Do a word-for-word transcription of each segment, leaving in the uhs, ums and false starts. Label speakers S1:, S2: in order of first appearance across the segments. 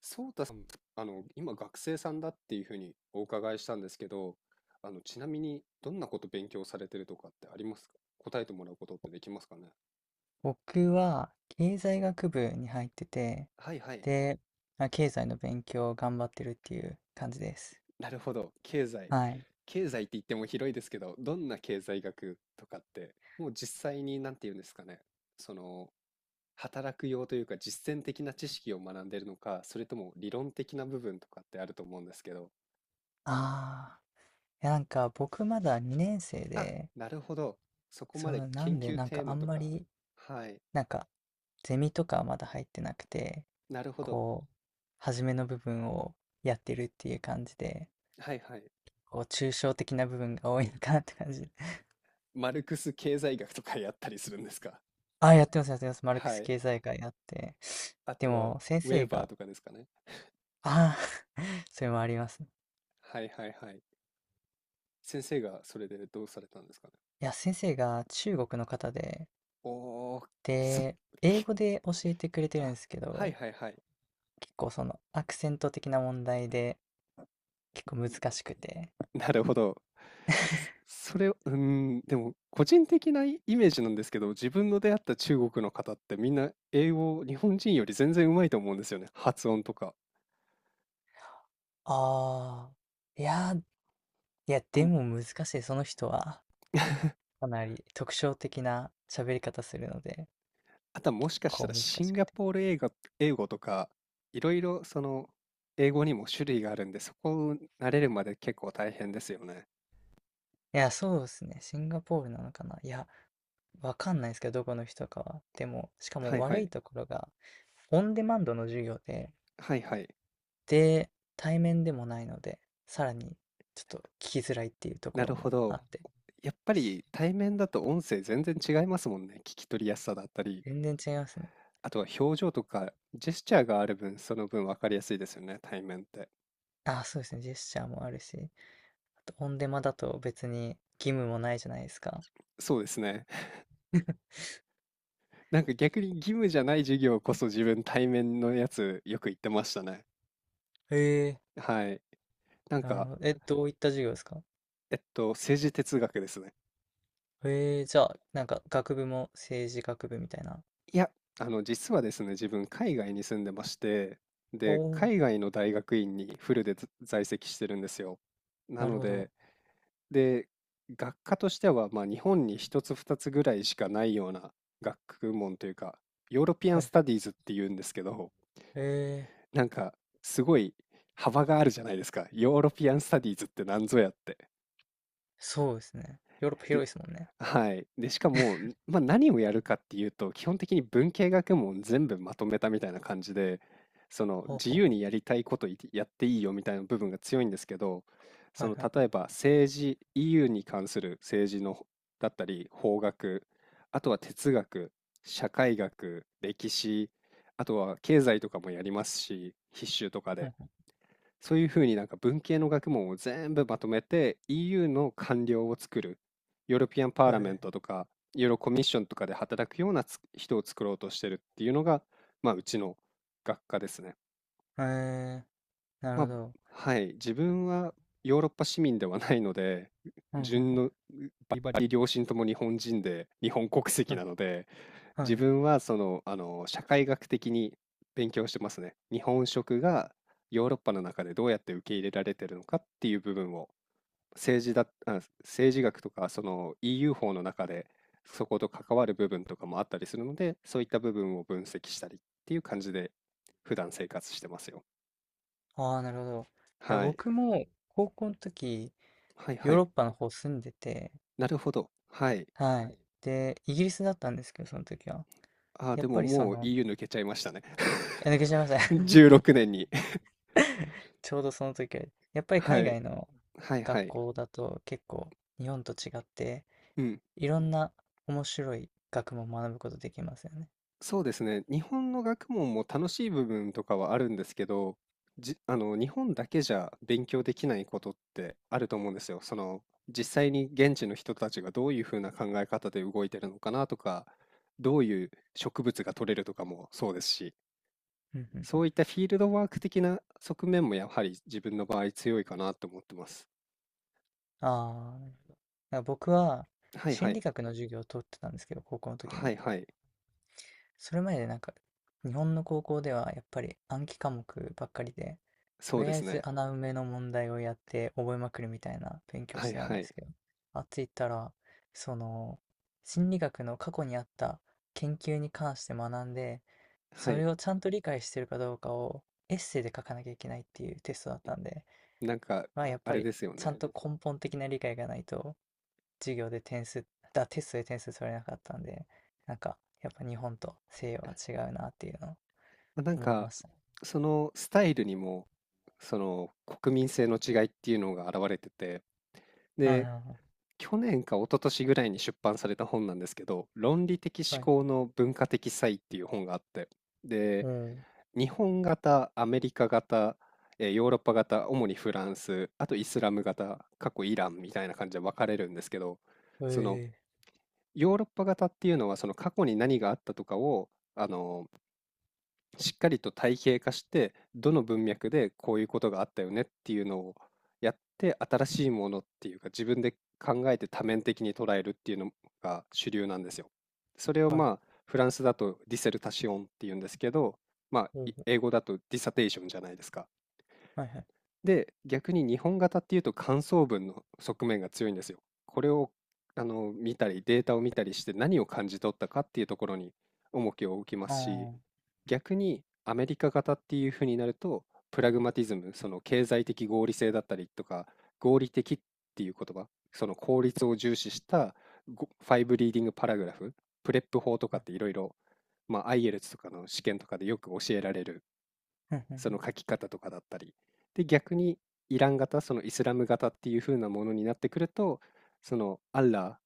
S1: そうたさん、あの、今学生さんだっていうふうにお伺いしたんですけど、あの、ちなみにどんなこと勉強されてるとかってありますか？答えてもらうことってできますかね？
S2: 僕は経済学部に入ってて、
S1: はいはい。
S2: で、まあ、経済の勉強を頑張ってるっていう感じです。
S1: なるほど。経済。
S2: はい。
S1: 経済って言っても広いですけど、どんな経済学とかって、もう実際に何て言うんですかね。その、働く用というか実践的な知識を学んでるのか、それとも理論的な部分とかってあると思うんですけど。
S2: ああ、いやなんか僕まだにねん生
S1: あ、
S2: で、
S1: なるほど。そこま
S2: そ
S1: で
S2: う、な
S1: 研
S2: んで
S1: 究
S2: なん
S1: テー
S2: かあ
S1: マ
S2: ん
S1: と
S2: ま
S1: か。
S2: り、
S1: はい。
S2: なんかゼミとかはまだ入ってなくて、
S1: なるほど。
S2: こう、初めの部分をやってるっていう感じで、
S1: はいはい。
S2: こう、抽象的な部分が多いのかなって感じ。
S1: マルクス経済学とかやったりするんですか？
S2: あ、やってます、やってます。マルク
S1: は
S2: ス
S1: い。
S2: 経済学やって。
S1: あ
S2: で
S1: とは、ウ
S2: も、先
S1: ェー
S2: 生
S1: バー
S2: が、
S1: とかですかね。
S2: ああ それもあります。い
S1: はいはいはい。先生がそれでどうされたんですかね。
S2: や、先生が中国の方で、
S1: おー、そ、
S2: で、英
S1: け
S2: 語で教えてくれてるんで
S1: あ、
S2: すけ
S1: はい
S2: ど、
S1: はいはい。
S2: 結構そのアクセント的な問題で結構難しくて。
S1: なるほど。そ、それを、うーん、でも、個人的なイイメージなんですけど、自分の出会った中国の方ってみんな英語、日本人より全然うまいと思うんですよね。発音とか。
S2: ああ、いやいや、で
S1: も
S2: も難しい、その人は。
S1: う
S2: かなり特徴的な喋り方するので、
S1: あとはも
S2: 結
S1: しかした
S2: 構
S1: ら
S2: 難し
S1: シン
S2: く
S1: ガ
S2: て。
S1: ポール英語、英語とか、いろいろその英語にも種類があるんで、そこを慣れるまで結構大変ですよね。
S2: いや、そうですね。シンガポールなのかな。いや、わかんないですけど、どこの人かは。でも、しか
S1: は
S2: も
S1: いは
S2: 悪
S1: い。
S2: いところが、オンデマンドの授業で、
S1: はいはい。
S2: で、対面でもないので、さらにちょっと聞きづらいっていうとこ
S1: な
S2: ろ
S1: るほ
S2: もあ
S1: ど。
S2: って、
S1: やっぱり対面だと音声全然違いますもんね。聞き取りやすさだったり、
S2: 全然違いますね。
S1: あとは表情とかジェスチャーがある分、その分分かりやすいですよね、対面って。
S2: あ、そうですね。ジェスチャーもあるし、あとオンデマだと別に義務もないじゃないですか。
S1: そうですね。なんか逆に義務じゃない授業こそ自分対面のやつよく言ってましたね。
S2: へえ、
S1: はい。なん
S2: なる
S1: か、
S2: ほど。え、どういった授業ですか？
S1: えっと、政治哲学ですね。
S2: へえ、じゃあ、なんか学部も政治学部みたいな。
S1: いや、あの、実はですね、自分、海外に住んでまして、
S2: お
S1: で、
S2: お、
S1: 海外の大学院にフルでず在籍してるんですよ。な
S2: なる
S1: の
S2: ほど。
S1: で、で、学科としては、まあ、日本に一つ二つぐらいしかないような学問というか、ヨーロピア
S2: は
S1: ン・ス
S2: い。
S1: タディーズって言うんですけど、
S2: ええ、
S1: なんか、すごい幅があるじゃないですか。ヨーロピアン・スタディーズって何ぞやって。
S2: そうですね。ヨーロッパ
S1: で、
S2: 広いですもんね。
S1: はい。で、しかも、んまあ、何をやるかっていうと、基本的に文系学問全部まとめたみたいな感じで、その
S2: ほう
S1: 自
S2: ほ
S1: 由にやりたいこといやっていいよみたいな部分が強いんですけど、
S2: う。
S1: そ
S2: はい
S1: の
S2: はい。
S1: 例えば政治、イーユー に関する政治のほだったり、法学、あとは哲学、社会学、歴史、あとは経済とかもやりますし、必修とか
S2: う
S1: で。
S2: ん
S1: そういうふうになんか文系の学問を全部まとめて イーユー の官僚を作る、ヨーロピアンパー
S2: う
S1: ラ
S2: ん。
S1: メ
S2: へ
S1: ントとか、ヨーロコミッションとかで働くようなつ人を作ろうとしてるっていうのが、まあ、うちの学科ですね。
S2: え、へえ、なる
S1: ま
S2: ほ
S1: あ、
S2: ど。
S1: はい、自分はヨーロッパ市民ではないので、
S2: うんうん
S1: 順
S2: うん。
S1: の両親とも日本人で、日本国籍
S2: は
S1: な
S2: い
S1: ので、
S2: はいは
S1: 自
S2: い。
S1: 分はその、あの、社会学的に勉強してますね。日本食がヨーロッパの中でどうやって受け入れられてるのかっていう部分を政治だ、あ、政治学とか、その イーユー 法の中で、そこと関わる部分とかもあったりするので、そういった部分を分析したりっていう感じで、普段生活してますよ。
S2: ああ、なるほど。いや、
S1: はい。
S2: 僕も高校の時、
S1: はいは
S2: ヨーロ
S1: い。
S2: ッパの方住んでて、
S1: なるほど。はい。
S2: はい。で、イギリスだったんですけど、その時は。
S1: あー、
S2: や
S1: で
S2: っ
S1: も
S2: ぱりそ
S1: もう
S2: の、
S1: イーユー 抜けちゃいましたね。
S2: いや、抜けちゃいました。
S1: じゅうろくねんに。
S2: ちょうどその時は、やっぱり
S1: は
S2: 海
S1: い。
S2: 外の
S1: はい
S2: 学
S1: はい。
S2: 校だと結構日本と違って、
S1: うん。
S2: いろんな面白い学問を学ぶことできますよね。
S1: そうですね。日本の学問も楽しい部分とかはあるんですけど、じ、あの、日本だけじゃ勉強できないことってあると思うんですよ。その、実際に現地の人たちがどういうふうな考え方で動いてるのかなとか、どういう植物が取れるとかもそうですし、
S2: うんうんう
S1: そ
S2: ん。
S1: ういったフィールドワーク的な側面もやはり自分の場合強いかなと思ってます。
S2: ああ、なるほど。だから僕は
S1: はいは
S2: 心
S1: い。
S2: 理学の授業を取ってたんですけど、高校の時
S1: は
S2: に。
S1: いはい。
S2: それまでなんか日本の高校ではやっぱり暗記科目ばっかりで、
S1: そ
S2: と
S1: う
S2: り
S1: で
S2: あえ
S1: す
S2: ず
S1: ね。
S2: 穴埋めの問題をやって覚えまくるみたいな勉強
S1: は
S2: し
S1: い
S2: てたん
S1: は
S2: で
S1: い。
S2: すけど、あっち行ったらその心理学の過去にあった研究に関して学んで、
S1: は
S2: そ
S1: い。
S2: れをちゃんと理解してるかどうかをエッセイで書かなきゃいけないっていうテストだったんで、
S1: なんか、
S2: まあやっ
S1: あ
S2: ぱ
S1: れ
S2: り
S1: ですよ
S2: ちゃ
S1: ね。
S2: んと根本的な理解がないと授業で点数、だ、テストで点数取れなかったんで、なんか、やっぱ日本と西洋は違うなっていうのを
S1: ま、なん
S2: 思い
S1: か、
S2: ましたね。
S1: そのスタイルにも、その国民性の違いっていうのが現れてて、
S2: うんうん
S1: で、
S2: うん。
S1: 去年か一昨年ぐらいに出版された本なんですけど、論理的思
S2: はい。
S1: 考の文化的差異っていう本があって、で、
S2: お
S1: 日本型、アメリカ型、え、ヨーロッパ型、主にフランス、あとイスラム型、過去イランみたいな感じで分かれるんですけど、
S2: お、
S1: その
S2: ええ、
S1: ヨーロッパ型っていうのはその過去に何があったとかを、あのしっかりと体系化して、どの文脈でこういうことがあったよねっていうのをやって、新しいものっていうか、自分で考えて多面的に捉えるっていうのが主流なんですよ。それを
S2: はい。
S1: まあ、フランスだとディセルタシオンっていうんですけど、まあ、
S2: お
S1: い
S2: お、
S1: 英語だとディサテーションじゃないですか。
S2: はいはい。
S1: で、逆に日本型っていうと感想文の側面が強いんですよ。これをあの見たり、データを見たりして何を感じ取ったかっていうところに重きを置きま
S2: あ
S1: すし、
S2: あ、
S1: 逆にアメリカ型っていう風になると、プラグマティズム、その経済的合理性だったりとか、合理的っていう言葉、その効率を重視したごファイブリーディングパラグラフ、プレップ法とか
S2: はい。
S1: っていろいろ、まあ、アイエルツ とかの試験とかでよく教えられる
S2: うんう
S1: その
S2: ん
S1: 書き方とかだったり。で、逆にイラン型、そのイスラム型っていう風なものになってくると、そのアッラ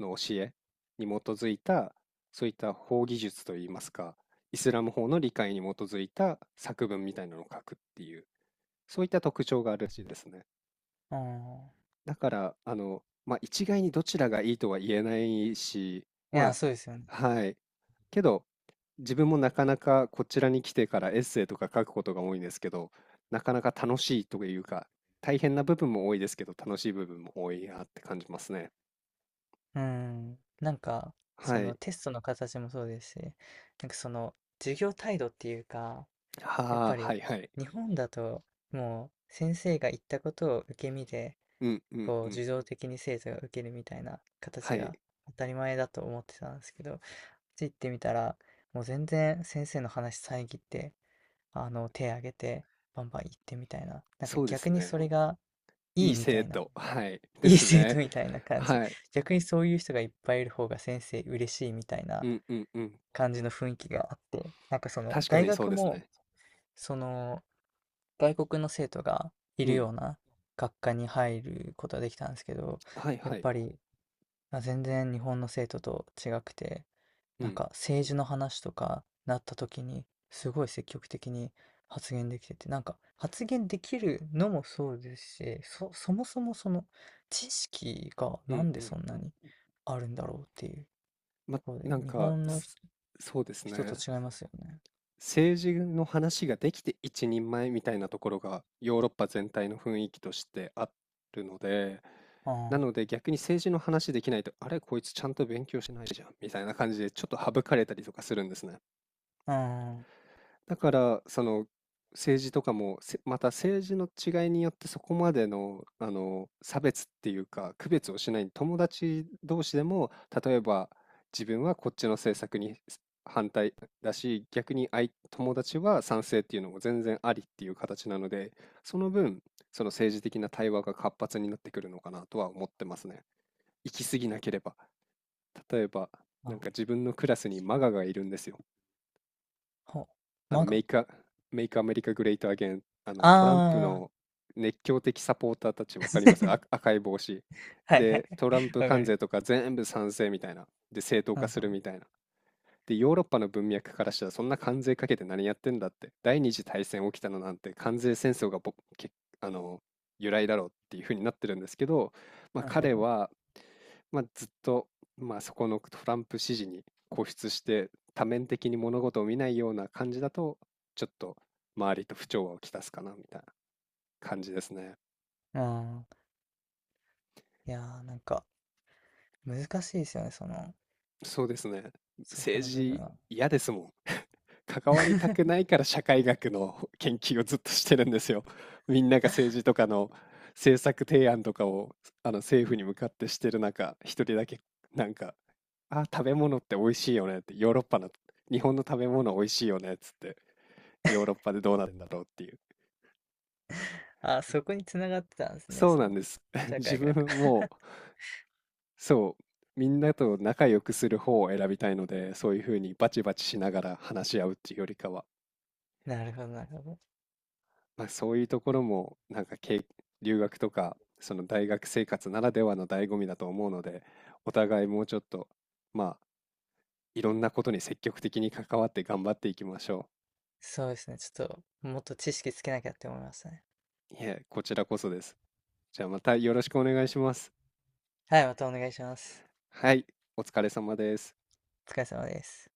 S1: ーの教えに基づいた、そういった法技術といいますか、イスラム法の理解に基づいた作文みたいなのを書くっていう、そういった特徴があるらしいですね。
S2: うん。ああ。
S1: だから、あの、まあ、一概にどちらがいいとは言えないし、
S2: いや、
S1: ま
S2: そうですよね。
S1: あ、はい。けど、自分もなかなかこちらに来てからエッセイとか書くことが多いんですけど、なかなか楽しいというか、大変な部分も多いですけど、楽しい部分も多いなって感じますね。
S2: うん。なんか、
S1: は
S2: その
S1: い。
S2: テストの形もそうですし、なんかその授業態度っていうか、やっ
S1: はあ、
S2: ぱり
S1: はいはい。
S2: 日本だと、もう先生が言ったことを受け身で、
S1: うんうん
S2: こう
S1: うん。
S2: 自動的に精査が受けるみたいな
S1: は
S2: 形
S1: い。
S2: が当たり前だと思ってたんですけど、行ってみたら、もう全然先生の話遮って、あの、手挙げて、バンバン行ってみたいな。なんか
S1: そうで
S2: 逆
S1: す
S2: にそ
S1: ね。
S2: れがい
S1: い
S2: い
S1: い
S2: みた
S1: 生
S2: いな。
S1: 徒。はい。で
S2: いい
S1: す
S2: 生
S1: ね。
S2: 徒みたいな感じで。
S1: はい。
S2: 逆にそういう人がいっぱいいる方が先生嬉しいみたい
S1: う
S2: な
S1: んうんうん。
S2: 感じの雰囲気があって、なんかその
S1: 確か
S2: 大
S1: にそう
S2: 学
S1: です
S2: も、
S1: ね。
S2: その外国の生徒がい
S1: う
S2: るよ
S1: ん。
S2: うな学科に入ることができたんですけど、
S1: はい
S2: やっ
S1: はい。
S2: ぱり、あ、全然日本の生徒と違くて、
S1: う
S2: なん
S1: ん
S2: か政治の話とかなった時に、すごい積極的に発言できてて、なんか発言できるのもそうですし、そ、そもそもその知識が
S1: う
S2: な
S1: ん
S2: んで
S1: うん。
S2: そんなにあるんだろうっていう
S1: ま、
S2: ところで、
S1: なん
S2: 日
S1: か、
S2: 本の
S1: すそうです
S2: 人人
S1: ね。
S2: と違いますよね。
S1: 政治の話ができて一人前みたいなところが、ヨーロッパ全体の雰囲気としてあるので、
S2: う
S1: な
S2: ん、
S1: ので逆に政治の話できないと、あれ、こいつちゃんと勉強してないじゃんみたいな感じで、ちょっと省かれたりとかするんですね。
S2: うん、
S1: だから、その、政治とかも、せまた政治の違いによってそこまでの、あの、差別っていうか、区別をしない友達同士でも、例えば自分はこっちの政策に反対だし、逆に相友達は賛成っていうのも全然ありっていう形なので、その分、その政治的な対話が活発になってくるのかなとは思ってますね。行き過ぎなければ。例えば、な
S2: あ、
S1: んか自分のクラスにマガがいるんですよ。
S2: ほ、
S1: あの、
S2: ま
S1: メ
S2: が。
S1: イクア、メイクアメリカグレートアゲン、あの、トランプ
S2: ああ。
S1: の熱狂的サポーターたち、わかります？あ、赤い帽子。
S2: はいはい。
S1: で、トランプ
S2: わか
S1: 関
S2: りま
S1: 税と
S2: す。
S1: か全部賛成みたいな。で、正当
S2: うんう
S1: 化
S2: ん
S1: するみたいな。で、ヨーロッパの文脈からしたらそんな関税かけて何やってんだって、第二次大戦起きたのなんて関税戦争がぼけあの由来だろうっていうふうになってるんですけど、まあ、
S2: うんう
S1: 彼
S2: ん
S1: は、まあ、ずっと、まあ、そこのトランプ支持に固執して多面的に物事を見ないような感じだとちょっと周りと不調和をきたすかなみたいな感じですね。
S2: うん。ああ。いやー、なんか、難しいですよね、その、
S1: そうですね。
S2: そこ
S1: 政
S2: の部分
S1: 治
S2: は。
S1: 嫌ですもん。関わりたくない から社会学の研究をずっとしてるんですよ。みんなが政治とかの政策提案とかをあの政府に向かってしてる中、一人だけなんか、あ、食べ物って美味しいよねって、ヨーロッパの、日本の食べ物美味しいよねっつって、ヨーロッパでどうなってんだろうっていう。
S2: あ、そこにつながってたんですね、
S1: そう
S2: そ
S1: なん
S2: の、
S1: です。
S2: 社
S1: 自
S2: 会
S1: 分
S2: 学。
S1: も、そう、みんなと仲良くする方を選びたいので、そういうふうにバチバチしながら話し合うっていうよりかは、
S2: なるほど、なるほど。
S1: まあ、そういうところもなんかけい留学とかその大学生活ならではの醍醐味だと思うのでお互いもうちょっとまあいろんなことに積極的に関わって頑張っていきましょ
S2: そうですね、ちょっと、もっと知識つけなきゃって思いましたね。
S1: う。いえ、こちらこそです。じゃあまたよろしくお願いします。
S2: はい、またお願いします。
S1: はい、お疲れ様です。
S2: お疲れ様です。